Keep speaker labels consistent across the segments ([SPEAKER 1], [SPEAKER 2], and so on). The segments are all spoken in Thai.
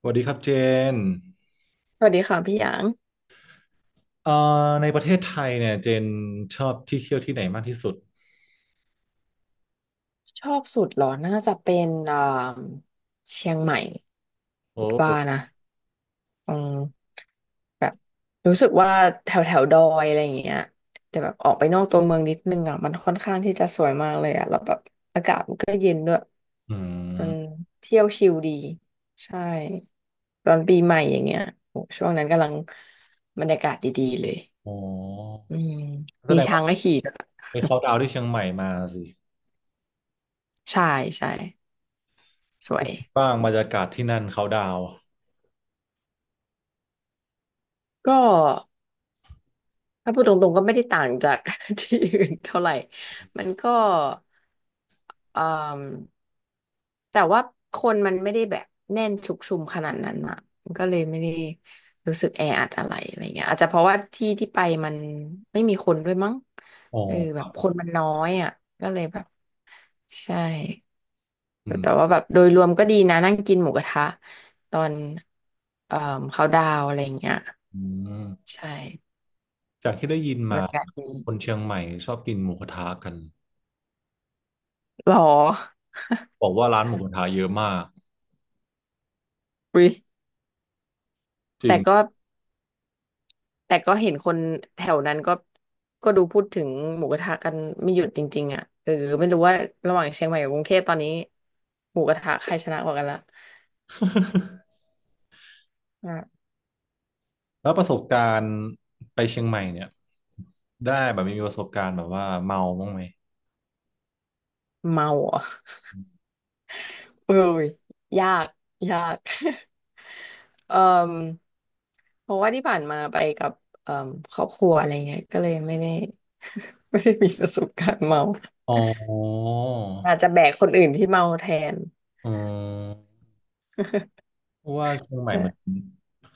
[SPEAKER 1] สวัสดีครับเจน
[SPEAKER 2] สวัสดีค่ะพี่หยาง
[SPEAKER 1] เอ่อในประเทศไทยเนี่ยเจนชอบที่เที่ยวที่ไหนมากที่สุด
[SPEAKER 2] ชอบสุดเหรอน่าจะเป็นเชียงใหม่
[SPEAKER 1] โอ
[SPEAKER 2] คิดว่า
[SPEAKER 1] ้
[SPEAKER 2] นะอืมแบบรู้สึกว่าแถวแถวดอยอะไรอย่างเงี้ยแต่แบบออกไปนอกตัวเมืองนิดนึงอ่ะมันค่อนข้างที่จะสวยมากเลยอ่ะแล้วแบบ
[SPEAKER 1] อื
[SPEAKER 2] มัน
[SPEAKER 1] ม
[SPEAKER 2] เที่ยวชิลดีใช่ตอนปีใหม่อย่างเงี้ยโหช่วงนั้นกำลังบรรยากาศดีๆเลย
[SPEAKER 1] อ๋อ
[SPEAKER 2] อืม
[SPEAKER 1] แส
[SPEAKER 2] มี
[SPEAKER 1] ดง
[SPEAKER 2] ช้า
[SPEAKER 1] ว่า
[SPEAKER 2] งให้ขี่ด้วย
[SPEAKER 1] ไปเขาดาวน์ที่เชียงใหม่มาสิ
[SPEAKER 2] ใช่ใช่สวย
[SPEAKER 1] บ้างบรรยากาศที่นั่นเขาดาวน์
[SPEAKER 2] ก็ ถ้าพูดตรงๆก็ไม่ได้ต่างจาก ที่อื่นเท่าไหร่ มันก็เอ่มแต่ว่าคนมันไม่ได้แบบแน่นชุกชุมขนาดนั้นอ่ะมันก็เลยไม่ได้รู้สึกแออัดอะไรอะไรเงี้ยอาจจะเพราะว่าที่ที่ไปมันไม่มีคนด้วยมั้ง
[SPEAKER 1] อ๋อ
[SPEAKER 2] เออแบบคนมันน้อยอ่ะก็เลยแบบใช่
[SPEAKER 1] อืม
[SPEAKER 2] แต่ว่าแบบโดยรวมก็ดีนะนั่งกินหมูกระทะตอนเอ่อเขาดาวน์อะไรเงี้ย
[SPEAKER 1] อืม
[SPEAKER 2] ใช่
[SPEAKER 1] จากที่ได้ยิน
[SPEAKER 2] บรร
[SPEAKER 1] มา
[SPEAKER 2] ยากาศดี
[SPEAKER 1] คนเชียงใหม่ชอบกินหมูกระทะกัน
[SPEAKER 2] หรอ
[SPEAKER 1] บอกว่าร้านหมูกระทะเยอะมาก
[SPEAKER 2] อุ๊ย
[SPEAKER 1] จริ
[SPEAKER 2] แต่
[SPEAKER 1] ง
[SPEAKER 2] ก็แต่ก็เห็นคนแถวนั้นก็ก็ดูพูดถึงหมูกระทะกันไม่หยุดจริงๆอ่ะเออไม่รู้ว่าระหว่างเชียงใหม่กับกรุงเทพตอนนี้หมูกระทะใครชนะกว่ากันละ อ่ะ
[SPEAKER 1] แล้วประสบการณ์ไปเชียงใหม่เนี่ยได้แบบมีประสบการณ์แบบว่าเมาบ้างไหม
[SPEAKER 2] เมาเหรอ่ะเอ้ยยากยาก เอ่อเพราะว่าที่ผ่านมาไปกับเอ่อครอบครัวอะไรเงี้ยก็เลยไม่ได้มีประสบการณ์เมา
[SPEAKER 1] อ๋อ
[SPEAKER 2] อาจจะแบกคนอื่นที่เมาแทน
[SPEAKER 1] อืมเพราะว่าเชียงใหม่มัน
[SPEAKER 2] ใช่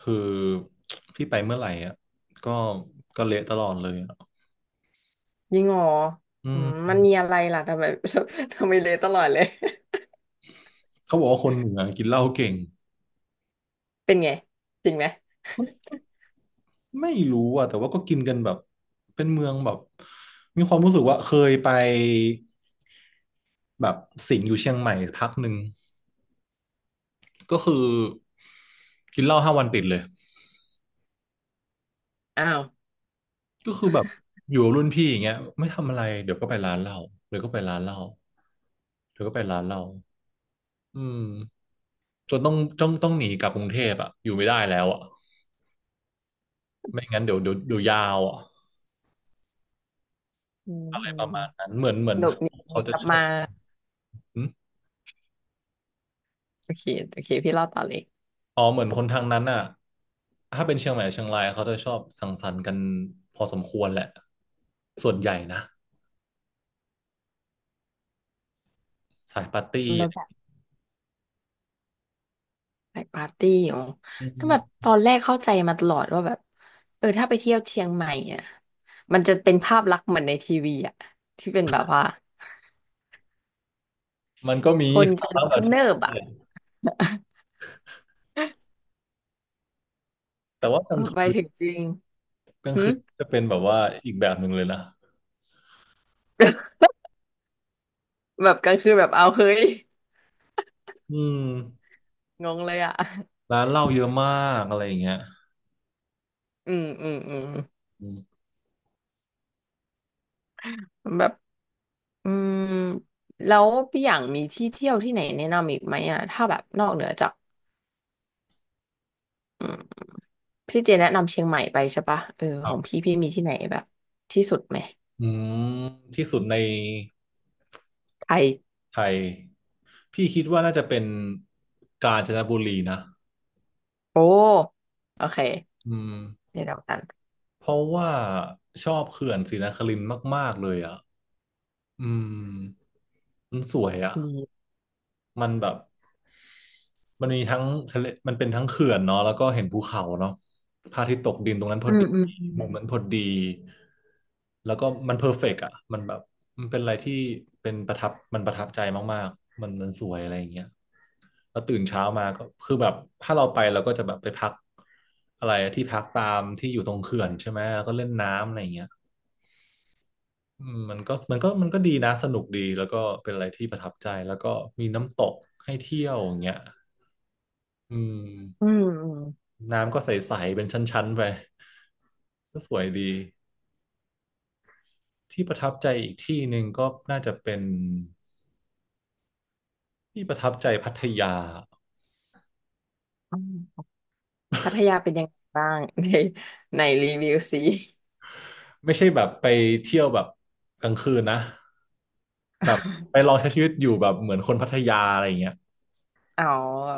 [SPEAKER 1] คือพี่ไปเมื่อไหร่อ่ะก็ก็เละตลอดเลยอ่ะ
[SPEAKER 2] ยิ่งอ๋อ
[SPEAKER 1] อื
[SPEAKER 2] อืมมัน
[SPEAKER 1] ม
[SPEAKER 2] มีอะไรล่ะทำไม ทำไมเลยตลอดเลย
[SPEAKER 1] เขาบอกว่าคนเหนือกินเหล้าเก่ง
[SPEAKER 2] เป็นไงจริงไหม
[SPEAKER 1] ไม่รู้อ่ะแต่ว่าก็กินกันแบบเป็นเมืองแบบมีความรู้สึกว่าเคยไปแบบสิงห์อยู่เชียงใหม่พักหนึ่งก็คือกินเหล้าห้าวันติดเลย
[SPEAKER 2] อ้าว
[SPEAKER 1] ก็คือแบบอยู่กับรุ่นพี่อย่างเงี้ยไม่ทำอะไรเดี๋ยวก็ไปร้านเหล้าเดี๋ยวก็ไปร้านเหล้าเดี๋ยวก็ไปร้านเหล้าอืม จนต้องหนีกลับกรุงเทพอ่ะอยู่ไม่ได้แล้วอ่ะไม่งั้นเดี๋ยวยาวอ่ะ
[SPEAKER 2] อืม
[SPEAKER 1] อะไร
[SPEAKER 2] อื
[SPEAKER 1] ป
[SPEAKER 2] ม
[SPEAKER 1] ระมาณนั้นเหมือน
[SPEAKER 2] หลบหนี
[SPEAKER 1] เขาจะ
[SPEAKER 2] กลับ
[SPEAKER 1] ชอ
[SPEAKER 2] มา
[SPEAKER 1] บหึ
[SPEAKER 2] โอเคโอเคพี่เล่าต่อเลย
[SPEAKER 1] อ๋อเหมือนคนทางนั้นอ่ะถ้าเป็นเชียงใหม่เชียงรายเขาจะชอบสังสรรค์กันพอสมควรแหละส่วนใหญ่นะสายปาร์ตี้
[SPEAKER 2] แล้
[SPEAKER 1] อะ
[SPEAKER 2] ว
[SPEAKER 1] ไร
[SPEAKER 2] แบบไปปาร์ตี้อ๋อ
[SPEAKER 1] อื
[SPEAKER 2] ก็แบบ
[SPEAKER 1] ม
[SPEAKER 2] ตอนแรกเข้าใจมาตลอดว่าแบบเออถ้าไปเที่ยวเชียงใหม่อ่ะมันจะเป็นภาพลักษณ์เหมือนในทีวีอ่ะที่เป็นแบบว่า
[SPEAKER 1] มันก็มี
[SPEAKER 2] คน
[SPEAKER 1] ครั้
[SPEAKER 2] จะ
[SPEAKER 1] งแบบที่
[SPEAKER 2] เนิบๆอ่ะ
[SPEAKER 1] เนี่ยแต่ว่ากลาง
[SPEAKER 2] ไป
[SPEAKER 1] คืน
[SPEAKER 2] ถึงจริง
[SPEAKER 1] กลาง
[SPEAKER 2] หึ
[SPEAKER 1] คืนจะเป็นแบบว่าอีกแบบหนึ่งเลยนะ
[SPEAKER 2] แบบกลางคืนแบบเอาเฮ้ย
[SPEAKER 1] อืม
[SPEAKER 2] งงเลยอ่ะ
[SPEAKER 1] ร้านเหล้าเยอะมากอะไรอย่างเงี้ย
[SPEAKER 2] อืม
[SPEAKER 1] อืม
[SPEAKER 2] แบบอืมแล้วพี่อย่างมีที่เที่ยวที่ไหนแนะนำอีกไหมอ่ะถ้าแบบนอกเหนือจาก พี่เจแนะนำเชียงใหม่ไปใช่ปะเออ
[SPEAKER 1] ค
[SPEAKER 2] ข
[SPEAKER 1] รั
[SPEAKER 2] องพี่
[SPEAKER 1] บ
[SPEAKER 2] พี่มีที่ไหนแบบที่สุดไหม
[SPEAKER 1] อืมที่สุดใน
[SPEAKER 2] ไทย
[SPEAKER 1] ไทย พี่คิดว่าน่าจะเป็นกาญจนบุรีนะ
[SPEAKER 2] โอ้โอเค
[SPEAKER 1] อืม
[SPEAKER 2] เดี๋ยวเดียวกัน
[SPEAKER 1] เพราะว่าชอบเขื่อนศรีนครินทร์มากๆเลยอ่ะอืมมันสวยอ่ะ
[SPEAKER 2] ดี
[SPEAKER 1] มันแบบมันมีทั้งทะเลมันเป็นทั้งเขื่อนเนาะแล้วก็เห็นภูเขาเนาะพระอาทิตย์ตกดินตรงนั้นพ
[SPEAKER 2] อื
[SPEAKER 1] อ
[SPEAKER 2] ม
[SPEAKER 1] ดี
[SPEAKER 2] อืมอืม
[SPEAKER 1] มุมนั้นพอดีแล้วก็มันเพอร์เฟกต์อ่ะมันแบบมันเป็นอะไรที่เป็นประทับมันประทับใจมากๆมันมันสวยอะไรอย่างเงี้ย แล้วตื่นเช้ามาก็คือแบบถ้าเราไปเราก็จะแบบไปพักอะไรที่พักตามที่อยู่ตรงเขื่อนใช่ไหมแล้วก็เล่นน้ำอะไรอย่างเงี้ยอืมมันก็ดีนะสนุกดีแล้วก็เป็นอะไรที่ประทับใจแล้วก็มีน้ำตกให้เที่ยวอย่างเงี้ยอืม
[SPEAKER 2] อืมอืม
[SPEAKER 1] น้ำก็ใสๆเป็นชั้นๆไปก็สวยดีที่ประทับใจอีกที่หนึ่งก็น่าจะเป็นที่ประทับใจพัทยา
[SPEAKER 2] อืมพัทยาเป็นยังไงบ้างใน ในรีวิวสิ
[SPEAKER 1] ไม่ใช่แบบไปเที่ยวแบบกลางคืนนะไปลอง ใช้ชีวิตอยู่แบบเหมือนคนพัทยาอะไรอย่างเงี้ย
[SPEAKER 2] อ๋อ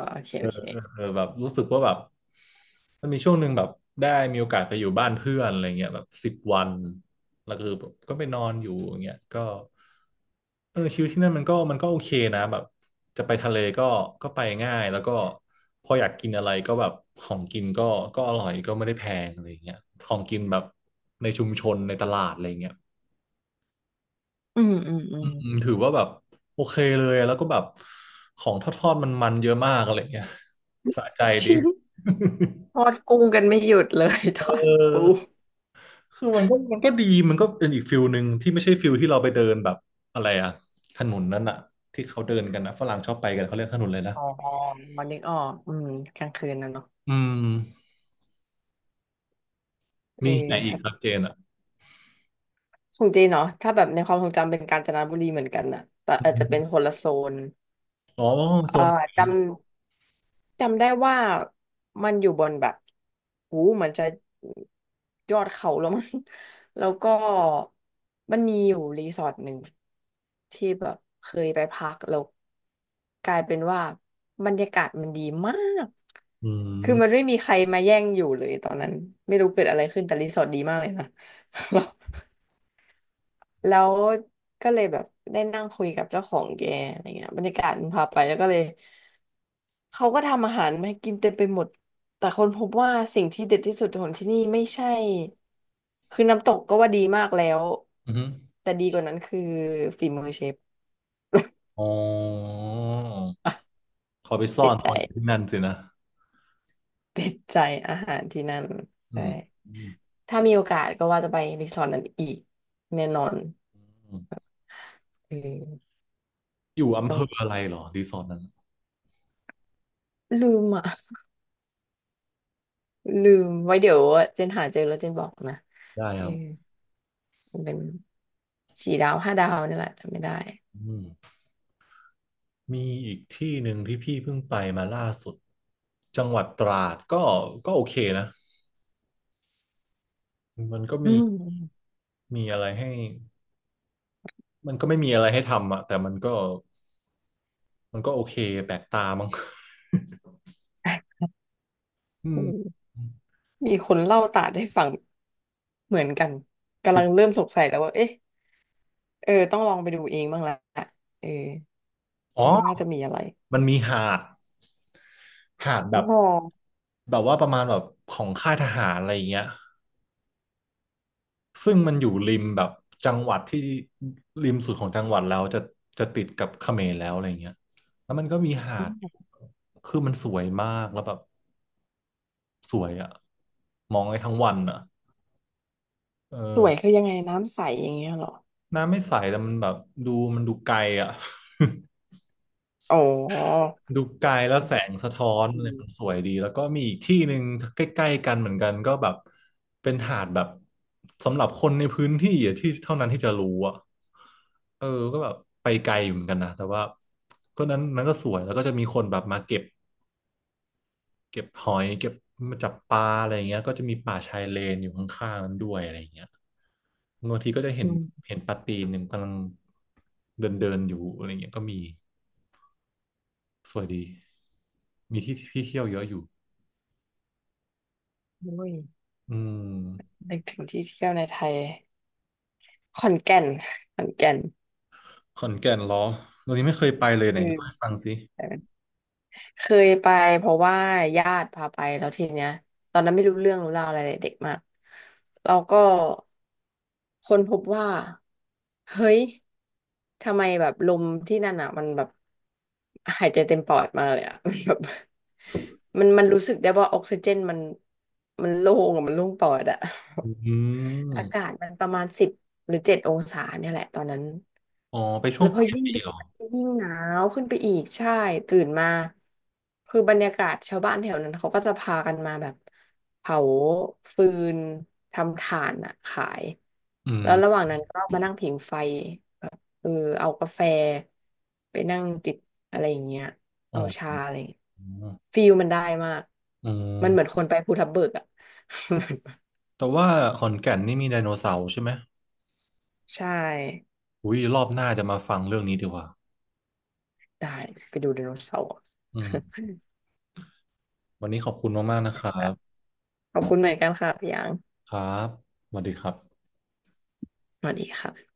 [SPEAKER 2] โอเคโอเค
[SPEAKER 1] เออแบบรู้สึกว่าแบบมันมีช่วงหนึ่งแบบได้มีโอกาสไปอยู่บ้านเพื่อนอะไรเงี้ยแบบสิบวันแล้วคือแบบก็ไปนอนอยู่อย่างเงี้ยก็เออชีวิตที่นั่นมันก็โอเคนะแบบจะไปทะเลก็ก็ไปง่ายแล้วก็พออยากกินอะไรก็แบบของกินก็ก็อร่อยก็ไม่ได้แพงอะไรเงี้ยของกินแบบในชุมชนในตลาดอะไรเงี้ย
[SPEAKER 2] อืมอืมอื
[SPEAKER 1] อื
[SPEAKER 2] ม
[SPEAKER 1] มถือว่าแบบโอเคเลยแล้วก็แบบของทอดๆมันๆเยอะมากอะไรเงี้ยสะใจ
[SPEAKER 2] จ
[SPEAKER 1] ดี
[SPEAKER 2] ริงท อดกุ้งกันไม่หยุดเลย ท
[SPEAKER 1] เ
[SPEAKER 2] อดปู
[SPEAKER 1] ออคือมันก็ดี มันก็เป็นอีกฟิลหนึ่งที่ไม่ใช่ฟิลที่เราไปเดินแบบอะไรอะถนนนั้นอะที่เขาเดินกันนะฝรั่งชอบไปกันเขาเรียกถนนเลยนะ
[SPEAKER 2] อ๋อนึกออกอืมกลางคืนนะเนาะ
[SPEAKER 1] อืม
[SPEAKER 2] เอ
[SPEAKER 1] มีที่ไหน
[SPEAKER 2] อ
[SPEAKER 1] อีกครับเจนอะ
[SPEAKER 2] ของจีนเนาะถ้าแบบในความทรงจำเป็นกาญจนบุรีเหมือนกันน่ะแต่
[SPEAKER 1] อ
[SPEAKER 2] อาจจะเป็นค
[SPEAKER 1] ม
[SPEAKER 2] นละโซน
[SPEAKER 1] อ๋อโซ
[SPEAKER 2] เอ่อ
[SPEAKER 1] นนี้
[SPEAKER 2] จ
[SPEAKER 1] นะ
[SPEAKER 2] ำจำได้ว่ามันอยู่บนแบบหูเหมือนจะยอดเขาแล้วมั้ง แล้วก็มันมีอยู่รีสอร์ทหนึ่งที่แบบเคยไปพักแล้วกลายเป็นว่าบรรยากาศมันดีมาก
[SPEAKER 1] อื
[SPEAKER 2] คือมัน
[SPEAKER 1] ม
[SPEAKER 2] ไม่มีใครมาแย่งอยู่เลยตอนนั้นไม่รู้เกิดอะไรขึ้นแต่รีสอร์ทดีมากเลยนะ แล้วก็เลยแบบได้นั่งคุยกับเจ้าของแกอะไรเงี้ยบรรยากาศมันพาไปแล้วก็เลยเขาก็ทำอาหารมาให้กินเต็มไปหมดแต่คนพบว่าสิ่งที่เด็ดที่สุดของที่นี่ไม่ใช่คือน้ำตกก็ว่าดีมากแล้ว
[SPEAKER 1] อืม
[SPEAKER 2] แต่ดีกว่านั้นคือฝีมือเชฟ
[SPEAKER 1] อ๋อเขาไปซ่อ
[SPEAKER 2] ติด
[SPEAKER 1] นต
[SPEAKER 2] ใจ
[SPEAKER 1] อนอยู่ที่นั่นสินะ
[SPEAKER 2] ติดใจอาหารที่นั่น
[SPEAKER 1] อื
[SPEAKER 2] ใช่
[SPEAKER 1] มอืม
[SPEAKER 2] ถ้ามีโอกาสก็ว่าจะไปรีสอร์ทนั้นอีกแน่นอน
[SPEAKER 1] อืม
[SPEAKER 2] เออ
[SPEAKER 1] อยู่อำ
[SPEAKER 2] ต้
[SPEAKER 1] เภ
[SPEAKER 2] อง
[SPEAKER 1] ออะไรเหรอรีสอร์ทนั้น
[SPEAKER 2] ลืมอ่ะลืมไว้เดี๋ยวเจนหาเจอแล้วเจนบอกนะ
[SPEAKER 1] ได้
[SPEAKER 2] เอ
[SPEAKER 1] ค
[SPEAKER 2] อ
[SPEAKER 1] รับ
[SPEAKER 2] มันเป็นสี่ดาวห้าดาวนี่แหละจำไม่ได้
[SPEAKER 1] อืมมีอีกที่หนึ่งที่พี่เพิ่งไปมาล่าสุดจังหวัดตราดก็ก็โอเคนะ มันก็
[SPEAKER 2] อื
[SPEAKER 1] มี
[SPEAKER 2] ม
[SPEAKER 1] มีอะไรให้มันก็ไม่มีอะไรให้ทำอะแต่มันก็โอเคแปลกตามั้ง อื
[SPEAKER 2] อื
[SPEAKER 1] ม
[SPEAKER 2] มมีคนเล่าตาดให้ฟังเหมือนกัน
[SPEAKER 1] จ
[SPEAKER 2] กำ
[SPEAKER 1] ริ
[SPEAKER 2] ลั
[SPEAKER 1] ง
[SPEAKER 2] งเริ่มสงสัยแล้วว่าเอ๊ะเออต้องลองไปดูเองบ้างละเออ
[SPEAKER 1] อ๋อ
[SPEAKER 2] น่าจะมีอะไร
[SPEAKER 1] มันมีหาดหาดแบ
[SPEAKER 2] อ๋อ
[SPEAKER 1] บแบบว่าประมาณแบบของค่ายทหารอะไรอย่างเงี้ยซึ่งมันอยู่ริมแบบจังหวัดที่ริมสุดของจังหวัดแล้วจะจะติดกับเขมรแล้วอะไรอย่างเงี้ยแล้วมันก็มีหาดอยู่คือมันสวยมากแล้วแบบสวยอะมองได้ทั้งวันอะเอ
[SPEAKER 2] ส
[SPEAKER 1] อ
[SPEAKER 2] วยคือยังไงน้ำใสอย่างเงี้ยเหรอ
[SPEAKER 1] น้ำไม่ใสแต่มันแบบดูมันดูไกลอ่ะ
[SPEAKER 2] อ๋อ
[SPEAKER 1] ดูไกลแล้วแสงสะท้อน
[SPEAKER 2] อื
[SPEAKER 1] อะไรมันส
[SPEAKER 2] ม
[SPEAKER 1] วยดีแล้วก็มีอีกที่หนึ่งใกล้ๆกันเหมือนกันก็แบบเป็นหาดแบบสำหรับคนในพื้นที่อะที่เท่านั้นที่จะรู้อ่ะเออก็แบบไปไกลอยู่เหมือนกันนะแต่ว่าก็นั้นก็สวยแล้วก็จะมีคนแบบมาเก็บ เก็บหอยเก็บมาจับปลาอะไรอย่างเงี้ยก็จะมีป่าชายเลนอยู่ข้างๆนั้นด้วยอะไรอย่างเงี้ยบางทีก็จะเห็
[SPEAKER 2] อื
[SPEAKER 1] น
[SPEAKER 2] ม
[SPEAKER 1] เห็นปลาตีนหนึ่งกำลังเดินเดินอยู่อะไรเงี้ยก็มีสวยดีมีที่ที่เที่ยวเยอะอยู่
[SPEAKER 2] โอ้ย
[SPEAKER 1] อืม
[SPEAKER 2] นึกถึงที่เที่ยวในไทยขอนแก่นขอนแก่น
[SPEAKER 1] ขอนแก่นเหรอตอนนี้ไม่เคยไปเลยไหน
[SPEAKER 2] เ
[SPEAKER 1] เล่าให้ฟังสิ
[SPEAKER 2] ออ เคยไปเพราะว่าญาติพาไปแล้วทีเนี้ยตอนนั้นไม่รู้เรื่องรู้ราวอะไรเลยเด็กมากเราก็ค้นพบว่าเฮ้ยทำไมแบบลมที่นั่นอ่ะมันแบบหายใจเต็มปอดมาเลยอ่ะ มันแบบมันรู้สึกได้ว่าออกซิเจนมันมันโล่งอะมันโล่งปอดอ่ะ
[SPEAKER 1] อื
[SPEAKER 2] อา
[SPEAKER 1] ม
[SPEAKER 2] กาศมันประมาณ10หรือ7องศาเนี่ยแหละตอนนั้น
[SPEAKER 1] อ๋อไปช่ว
[SPEAKER 2] แล้
[SPEAKER 1] ง
[SPEAKER 2] วพ
[SPEAKER 1] ป
[SPEAKER 2] อ
[SPEAKER 1] ลาย
[SPEAKER 2] ยิ่ง
[SPEAKER 1] ปี
[SPEAKER 2] ดึก
[SPEAKER 1] เหรอ
[SPEAKER 2] ก็ยิ่งหนาวขึ้นไปอีกใช่ตื่นมาคือบรรยากาศชาวบ้านแถวนั้นเขาก็จะพากันมาแบบเผาฟืนทำถ่านอะขาย
[SPEAKER 1] อื
[SPEAKER 2] แล้
[SPEAKER 1] ม
[SPEAKER 2] วระหว่างนั้นก็มานั่งผิงไฟแบบเออเอากาแฟไปนั่งจิบอะไรอย่างเงี้ย
[SPEAKER 1] อ๋อ
[SPEAKER 2] เอาชาอะไรอย่างเงี้ยฟีลมันได้มาก
[SPEAKER 1] อื
[SPEAKER 2] มันเหมือน
[SPEAKER 1] ม
[SPEAKER 2] คนไปภูทับเบิกอะ
[SPEAKER 1] แต่ว่าขอนแก่นนี่มีไดโนเสาร์ใช่ไหม
[SPEAKER 2] ใช่
[SPEAKER 1] อุ้ยรอบหน้าจะมาฟังเรื่องนี้ดีกว่า
[SPEAKER 2] ได้ไปดูไดโนเสาร์
[SPEAKER 1] อืม วันนี้ขอบคุณมากๆนะครั
[SPEAKER 2] ค่ะ
[SPEAKER 1] บ
[SPEAKER 2] ขอบคุณเหมือนกันค่ะพี่หยาง
[SPEAKER 1] ครับสวัสดีครับ
[SPEAKER 2] สวัสดีค่ะ